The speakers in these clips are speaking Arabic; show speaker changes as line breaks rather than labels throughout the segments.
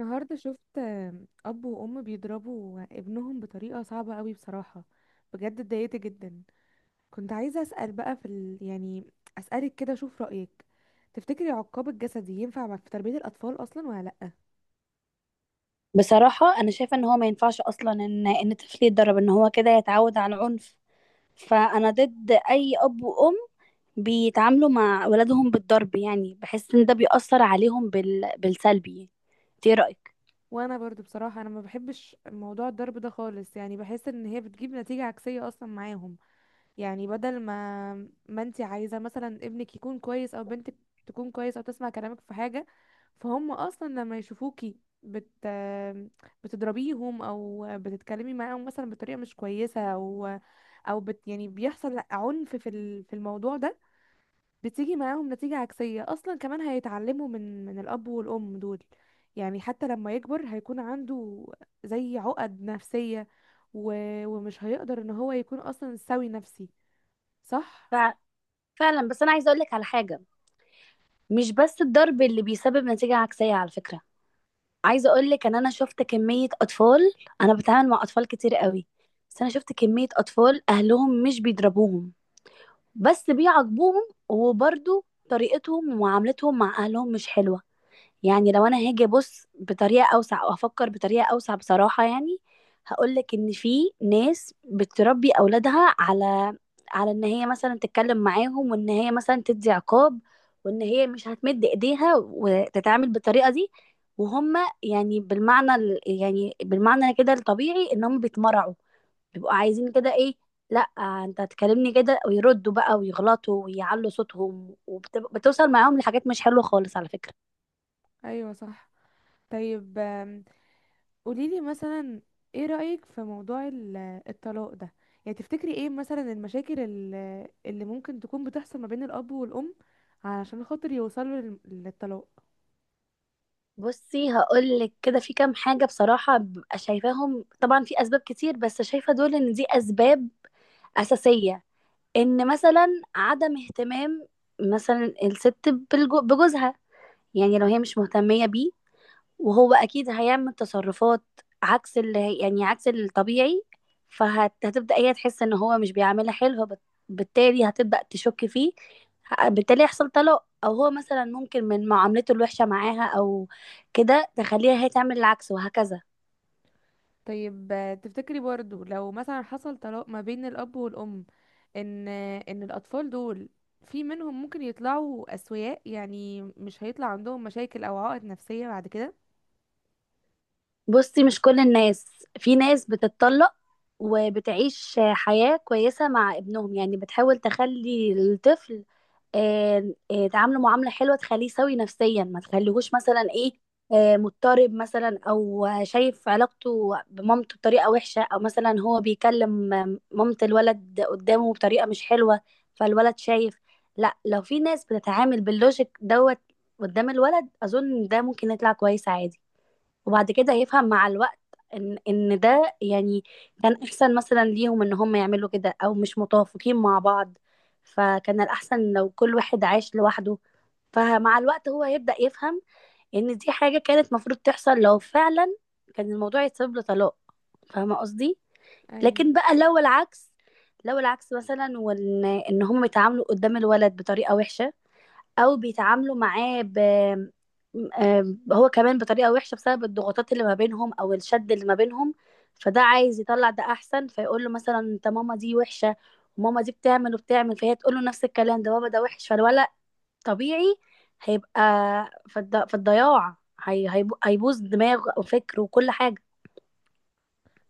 النهاردة شفت أب وأم بيضربوا ابنهم بطريقة صعبة قوي بصراحة. بجد اتضايقت جدا. كنت عايزة أسأل بقى في ال... يعني أسألك كده أشوف رأيك. تفتكري عقاب الجسدي ينفع في تربية الأطفال أصلا ولا لأ؟
بصراحة أنا شايفة إن هو ما ينفعش أصلا إن طفل يتدرب إن هو كده يتعود على العنف. فأنا ضد أي أب وأم بيتعاملوا مع ولادهم بالضرب، يعني بحس إن ده بيأثر عليهم بالسلبي. إنت إيه رأيك؟
وأنا برضو بصراحة أنا ما بحبش موضوع الضرب ده خالص، يعني بحس إن هي بتجيب نتيجة عكسية أصلا معاهم. يعني بدل ما ما انت عايزة مثلا ابنك يكون كويس او بنتك تكون كويس او تسمع كلامك في حاجة، فهم اصلا لما يشوفوكي بتضربيهم او بتتكلمي معاهم مثلا بطريقة مش كويسة او او بت يعني بيحصل عنف في في الموضوع ده، بتيجي معاهم نتيجة عكسية اصلا. كمان هيتعلموا من الاب والام دول، يعني حتى لما يكبر هيكون عنده زي عقد نفسية و... ومش هيقدر ان هو يكون اصلا سوي نفسي. صح،
ف... فعلا، بس أنا عايزة أقولك على حاجة. مش بس الضرب اللي بيسبب نتيجة عكسية على فكرة. عايزة أقولك إن أنا شفت كمية أطفال. أنا بتعامل مع أطفال كتير قوي. بس أنا شفت كمية أطفال أهلهم مش بيضربوهم، بس بيعاقبوهم، وبرضو طريقتهم ومعاملتهم مع اهلهم مش حلوة. يعني لو انا هاجي ابص بطريقة اوسع او افكر بطريقة اوسع بصراحة، يعني هقولك ان في ناس بتربي اولادها على ان هي مثلا تتكلم معاهم، وان هي مثلا تدي عقاب، وان هي مش هتمد ايديها وتتعامل بالطريقة دي. وهم يعني يعني بالمعنى كده الطبيعي ان هم بيتمرعوا، بيبقوا عايزين كده ايه. لا، انت هتكلمني كده ويردوا بقى ويغلطوا ويعلوا صوتهم، وبتوصل معاهم لحاجات مش حلوة خالص على فكرة.
ايوه صح. طيب قوليلي مثلا، ايه رأيك في موضوع الطلاق ده؟ يعني تفتكري ايه مثلا المشاكل اللي ممكن تكون بتحصل ما بين الاب والام علشان خاطر يوصلوا للطلاق؟
بصي، هقولك كده في كام حاجة بصراحة ببقى شايفاهم. طبعا في أسباب كتير بس شايفة دول إن دي أسباب أساسية. إن مثلا عدم اهتمام مثلا الست بجوزها، يعني لو هي مش مهتمية بيه، وهو اكيد هيعمل تصرفات عكس يعني عكس الطبيعي. فهتبدأ هي تحس ان هو مش بيعملها حلو، بالتالي هتبدأ تشك فيه. بالتالي يحصل طلاق، او هو مثلا ممكن من معاملته الوحشة معاها، او كده تخليها هي تعمل العكس وهكذا.
طيب تفتكري برضو لو مثلا حصل طلاق ما بين الاب والام، ان ان الاطفال دول في منهم ممكن يطلعوا اسوياء؟ يعني مش هيطلع عندهم مشاكل او عقد نفسية بعد كده؟
بصي، مش كل الناس، في ناس بتتطلق وبتعيش حياة كويسة مع ابنهم، يعني بتحاول تخلي الطفل تعامله معاملة حلوة، تخليه سوي نفسيا، ما تخليهوش مثلا ايه، مضطرب مثلا، او شايف علاقته بمامته بطريقة وحشة، او مثلا هو بيكلم مامة الولد قدامه بطريقة مش حلوة فالولد شايف. لا، لو في ناس بتتعامل باللوجيك دوت قدام الولد، اظن ده ممكن يطلع كويس عادي، وبعد كده يفهم مع الوقت ان ده يعني كان احسن مثلا ليهم ان هم يعملوا كده، او مش متوافقين مع بعض فكان الاحسن لو كل واحد عاش لوحده. فمع الوقت هو هيبدأ يفهم ان دي حاجة كانت مفروض تحصل، لو فعلا كان الموضوع يتسبب له طلاق. فاهمة قصدي؟
ايوه
لكن بقى لو العكس، لو العكس مثلا وان هم بيتعاملوا قدام الولد بطريقة وحشة، او بيتعاملوا معاه هو كمان بطريقة وحشة بسبب الضغوطات اللي ما بينهم او الشد اللي ما بينهم. فده عايز يطلع، ده احسن، فيقول له مثلا انت ماما دي وحشة، وماما دي بتعمل وبتعمل، فهي تقول له نفس الكلام ده، بابا ده وحش، فالولد طبيعي هيبقى في الضياع. هيبوظ دماغه وفكره وكل حاجة.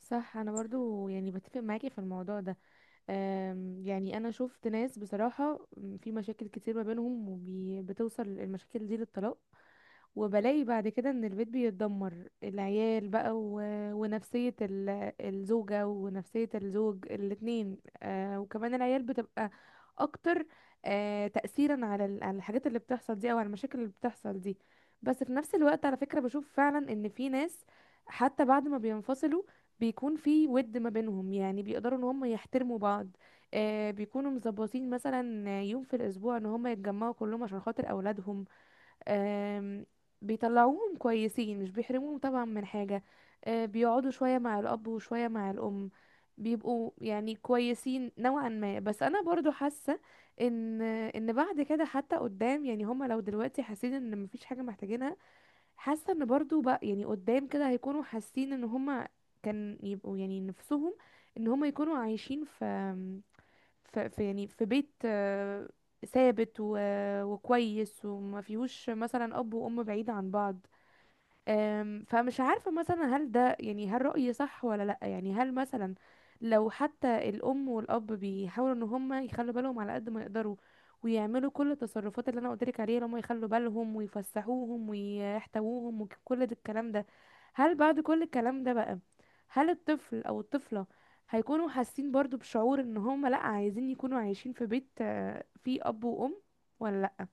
صح. انا برضو يعني بتفق معاكي في الموضوع ده. يعني انا شفت ناس بصراحة، في مشاكل كتير ما بينهم وبتوصل المشاكل دي للطلاق، وبلاقي بعد كده ان البيت بيتدمر، العيال بقى ونفسية الزوجة ونفسية الزوج الاتنين. آه، وكمان العيال بتبقى اكتر تأثيرا على على الحاجات اللي بتحصل دي او على المشاكل اللي بتحصل دي. بس في نفس الوقت على فكرة بشوف فعلا ان في ناس حتى بعد ما بينفصلوا بيكون في ود ما بينهم، يعني بيقدروا ان هم يحترموا بعض. آه، بيكونوا مظبطين مثلا يوم في الاسبوع ان هم يتجمعوا كلهم عشان خاطر اولادهم. آم، بيطلعوهم كويسين، مش بيحرموهم طبعا من حاجة. بيقعدوا شوية مع الأب وشوية مع الأم، بيبقوا يعني كويسين نوعا ما. بس أنا برضو حاسة إن إن بعد كده حتى قدام، يعني هما لو دلوقتي حاسين إن مفيش حاجة محتاجينها، حاسة إن برضو بقى يعني قدام كده هيكونوا حاسين إن هما كان يبقوا يعني نفسهم إن هما يكونوا عايشين في في بيت ثابت وكويس وما فيهوش مثلا اب وام بعيد عن بعض. فمش عارفة مثلا هل ده يعني، هل رأيي صح ولا لأ؟ يعني هل مثلا لو حتى الأم والأب بيحاولوا إن هما يخلوا بالهم على قد ما يقدروا ويعملوا كل التصرفات اللي أنا قلتلك عليها، اللي هما يخلوا بالهم ويفسحوهم ويحتووهم وكل ده الكلام ده، هل بعد كل الكلام ده بقى، هل الطفل أو الطفلة هيكونوا حاسين برضو بشعور إن هما لأ، عايزين يكونوا عايشين في بيت فيه أب وأم، ولا لأ؟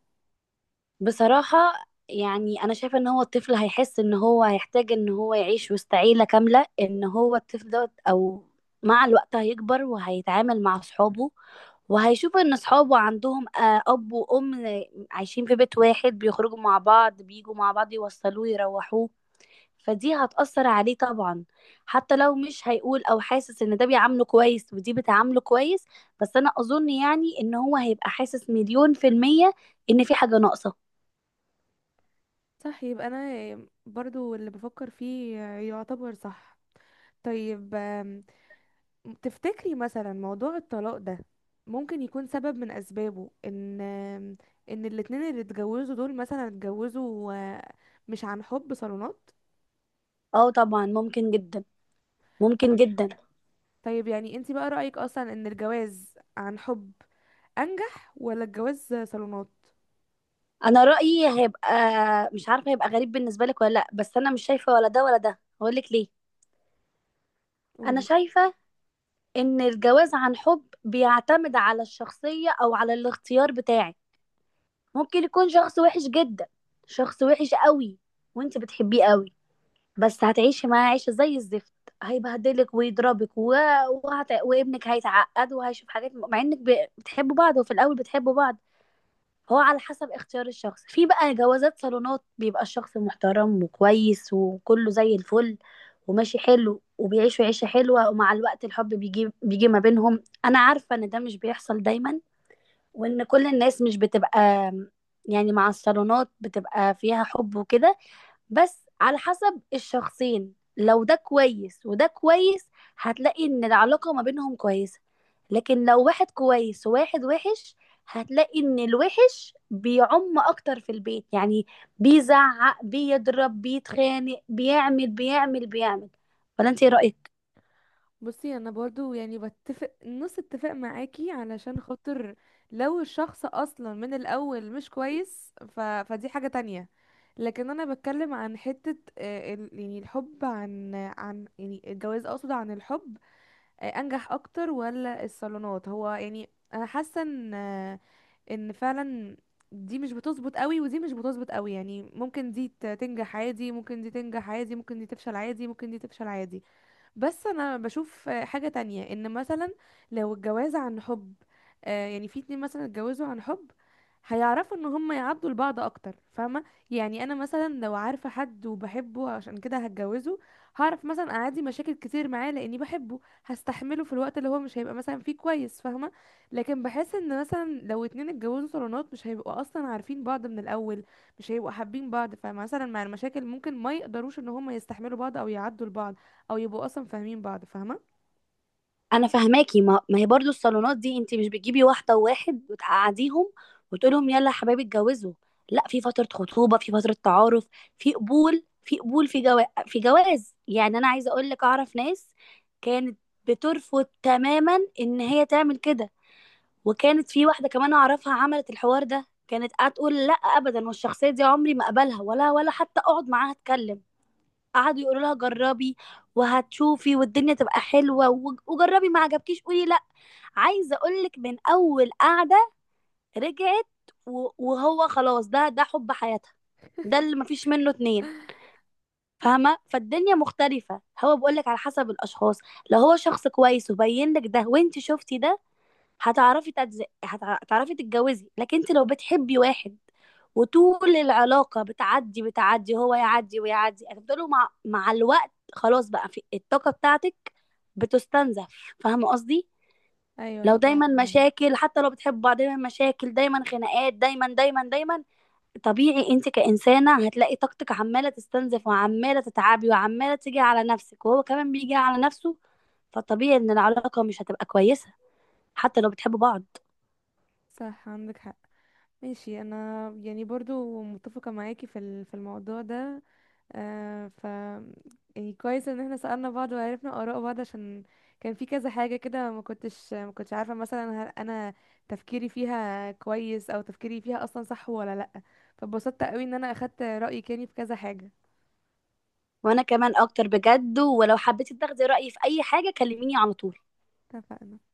بصراحة يعني أنا شايفة إن هو الطفل هيحس إن هو هيحتاج إن هو يعيش وسط عيلة كاملة. إن هو الطفل دوت، أو مع الوقت هيكبر وهيتعامل مع أصحابه وهيشوف إن أصحابه عندهم أب وأم عايشين في بيت واحد، بيخرجوا مع بعض بيجوا مع بعض، يوصلوه يروحوه. فدي هتأثر عليه طبعا. حتى لو مش هيقول، أو حاسس إن ده بيعامله كويس ودي بتعامله كويس، بس أنا أظن يعني إن هو هيبقى حاسس مليون في المية إن في حاجة ناقصة.
صح، يبقى أنا برضو اللي بفكر فيه يعتبر صح. طيب تفتكري مثلا موضوع الطلاق ده ممكن يكون سبب من اسبابه ان ان الاتنين اللي اتجوزوا دول مثلا اتجوزوا مش عن حب، صالونات؟
اه طبعا، ممكن جدا. ممكن
طب-
جدا.
طيب يعني انتي بقى رأيك اصلا ان الجواز عن حب انجح ولا الجواز صالونات؟
انا رأيي هيبقى مش عارفة، هيبقى غريب بالنسبة لك ولا لا، بس انا مش شايفة ولا ده ولا ده، هقول لك ليه. انا
قولي.
شايفة ان الجواز عن حب بيعتمد على الشخصية او على الاختيار بتاعك. ممكن يكون شخص وحش جدا، شخص وحش قوي، وانت بتحبيه قوي، بس هتعيشي معاه عيشة زي الزفت. هيبهدلك ويضربك وابنك هيتعقد، وهيشوف حاجات مع انك بتحبوا بعض، وفي الاول بتحبوا بعض. هو على حسب اختيار الشخص. في بقى جوازات صالونات بيبقى الشخص محترم وكويس وكله زي الفل، وماشي حلو، وبيعيشوا عيشة حلوة، ومع الوقت الحب بيجي بيجي ما بينهم. أنا عارفة إن ده مش بيحصل دايما، وإن كل الناس مش بتبقى يعني مع الصالونات بتبقى فيها حب وكده. بس على حسب الشخصين، لو ده كويس وده كويس، هتلاقي ان العلاقة ما بينهم كويسة. لكن لو واحد كويس وواحد وحش، هتلاقي ان الوحش بيعم اكتر في البيت، يعني بيزعق بيضرب بيتخانق بيعمل بيعمل بيعمل. ولا انت ايه رأيك؟
بصي انا برضو يعني بتفق نص اتفاق معاكي، علشان خاطر لو الشخص اصلا من الاول مش كويس فدي حاجة تانية. لكن انا بتكلم عن حتة الحب، عن يعني الجواز اقصد عن الحب انجح اكتر ولا الصالونات؟ هو يعني انا حاسة ان ان فعلا دي مش بتظبط قوي ودي مش بتظبط قوي، يعني ممكن دي تنجح عادي، ممكن دي تنجح عادي، ممكن دي تفشل عادي، ممكن دي تفشل عادي. بس انا بشوف حاجة تانية، ان مثلا لو الجواز عن حب، يعني في اتنين مثلا اتجوزوا عن حب، هيعرفوا ان هم يعدوا لبعض اكتر، فاهمة؟ يعني انا مثلا لو عارفة حد وبحبه عشان كده هتجوزه، هعرف مثلا اعدي مشاكل كتير معاه لاني بحبه، هستحمله في الوقت اللي هو مش هيبقى مثلا فيه كويس، فاهمة؟ لكن بحس ان مثلا لو اتنين اتجوزوا صالونات، مش هيبقوا اصلا عارفين بعض من الاول، مش هيبقوا حابين بعض، فمثلا مع المشاكل ممكن ما يقدروش ان هم يستحملوا بعض او يعدوا لبعض او يبقوا اصلا فاهمين بعض، فاهمه؟
انا فهماكي. ما هي برضو الصالونات دي، انت مش بتجيبي واحده وواحد وتقعديهم وتقولهم يلا يا حبايبي اتجوزوا. لا، في فتره خطوبه، في فتره تعارف، في قبول في قبول، في جواز في جواز. يعني انا عايزه اقول لك، اعرف ناس كانت بترفض تماما ان هي تعمل كده. وكانت في واحده كمان اعرفها عملت الحوار ده، كانت هتقول لا ابدا، والشخصيه دي عمري ما اقبلها ولا حتى اقعد معاها اتكلم. قعدوا يقولوا لها جربي وهتشوفي والدنيا تبقى حلوه، وجربي ما عجبكيش قولي لا. عايزه اقولك من اول قعده رجعت، وهو خلاص، ده حب حياتها، ده اللي مفيش منه اتنين، فاهمه؟ فالدنيا مختلفه، هو بقولك على حسب الاشخاص. لو هو شخص كويس وبين لك ده وانت شفتي ده، هتعرفي تتزقي، هتعرفي تتجوزي. لكن انت لو بتحبي واحد وطول العلاقه بتعدي بتعدي، هو يعدي ويعدي، هتفضلوا مع الوقت خلاص بقى في الطاقه بتاعتك بتستنزف. فاهمه قصدي؟
ايوه
لو
طبعا
دايما
فاهمة.
مشاكل، حتى لو بتحبوا بعض دايما مشاكل دايما خناقات دايما دايما دايما، طبيعي انت كإنسانة هتلاقي طاقتك عمالة تستنزف وعمالة تتعبي وعمالة تيجي على نفسك، وهو كمان بيجي على نفسه. فطبيعي ان العلاقة مش هتبقى كويسة، حتى لو بتحبوا بعض.
صح، عندك حق. ماشي. انا يعني برضو متفقه معاكي في في الموضوع ده. آه ف يعني كويس ان احنا سألنا بعض وعرفنا اراء بعض، عشان كان في كذا حاجه كده ما كنتش عارفه مثلا هل انا تفكيري فيها كويس او تفكيري فيها اصلا صح ولا لا. فبسطت قوي ان انا اخدت رايك يعني في كذا حاجه.
وانا كمان اكتر بجد، ولو حبيتي تاخدي رأيي في اي حاجة كلميني على طول.
اتفقنا.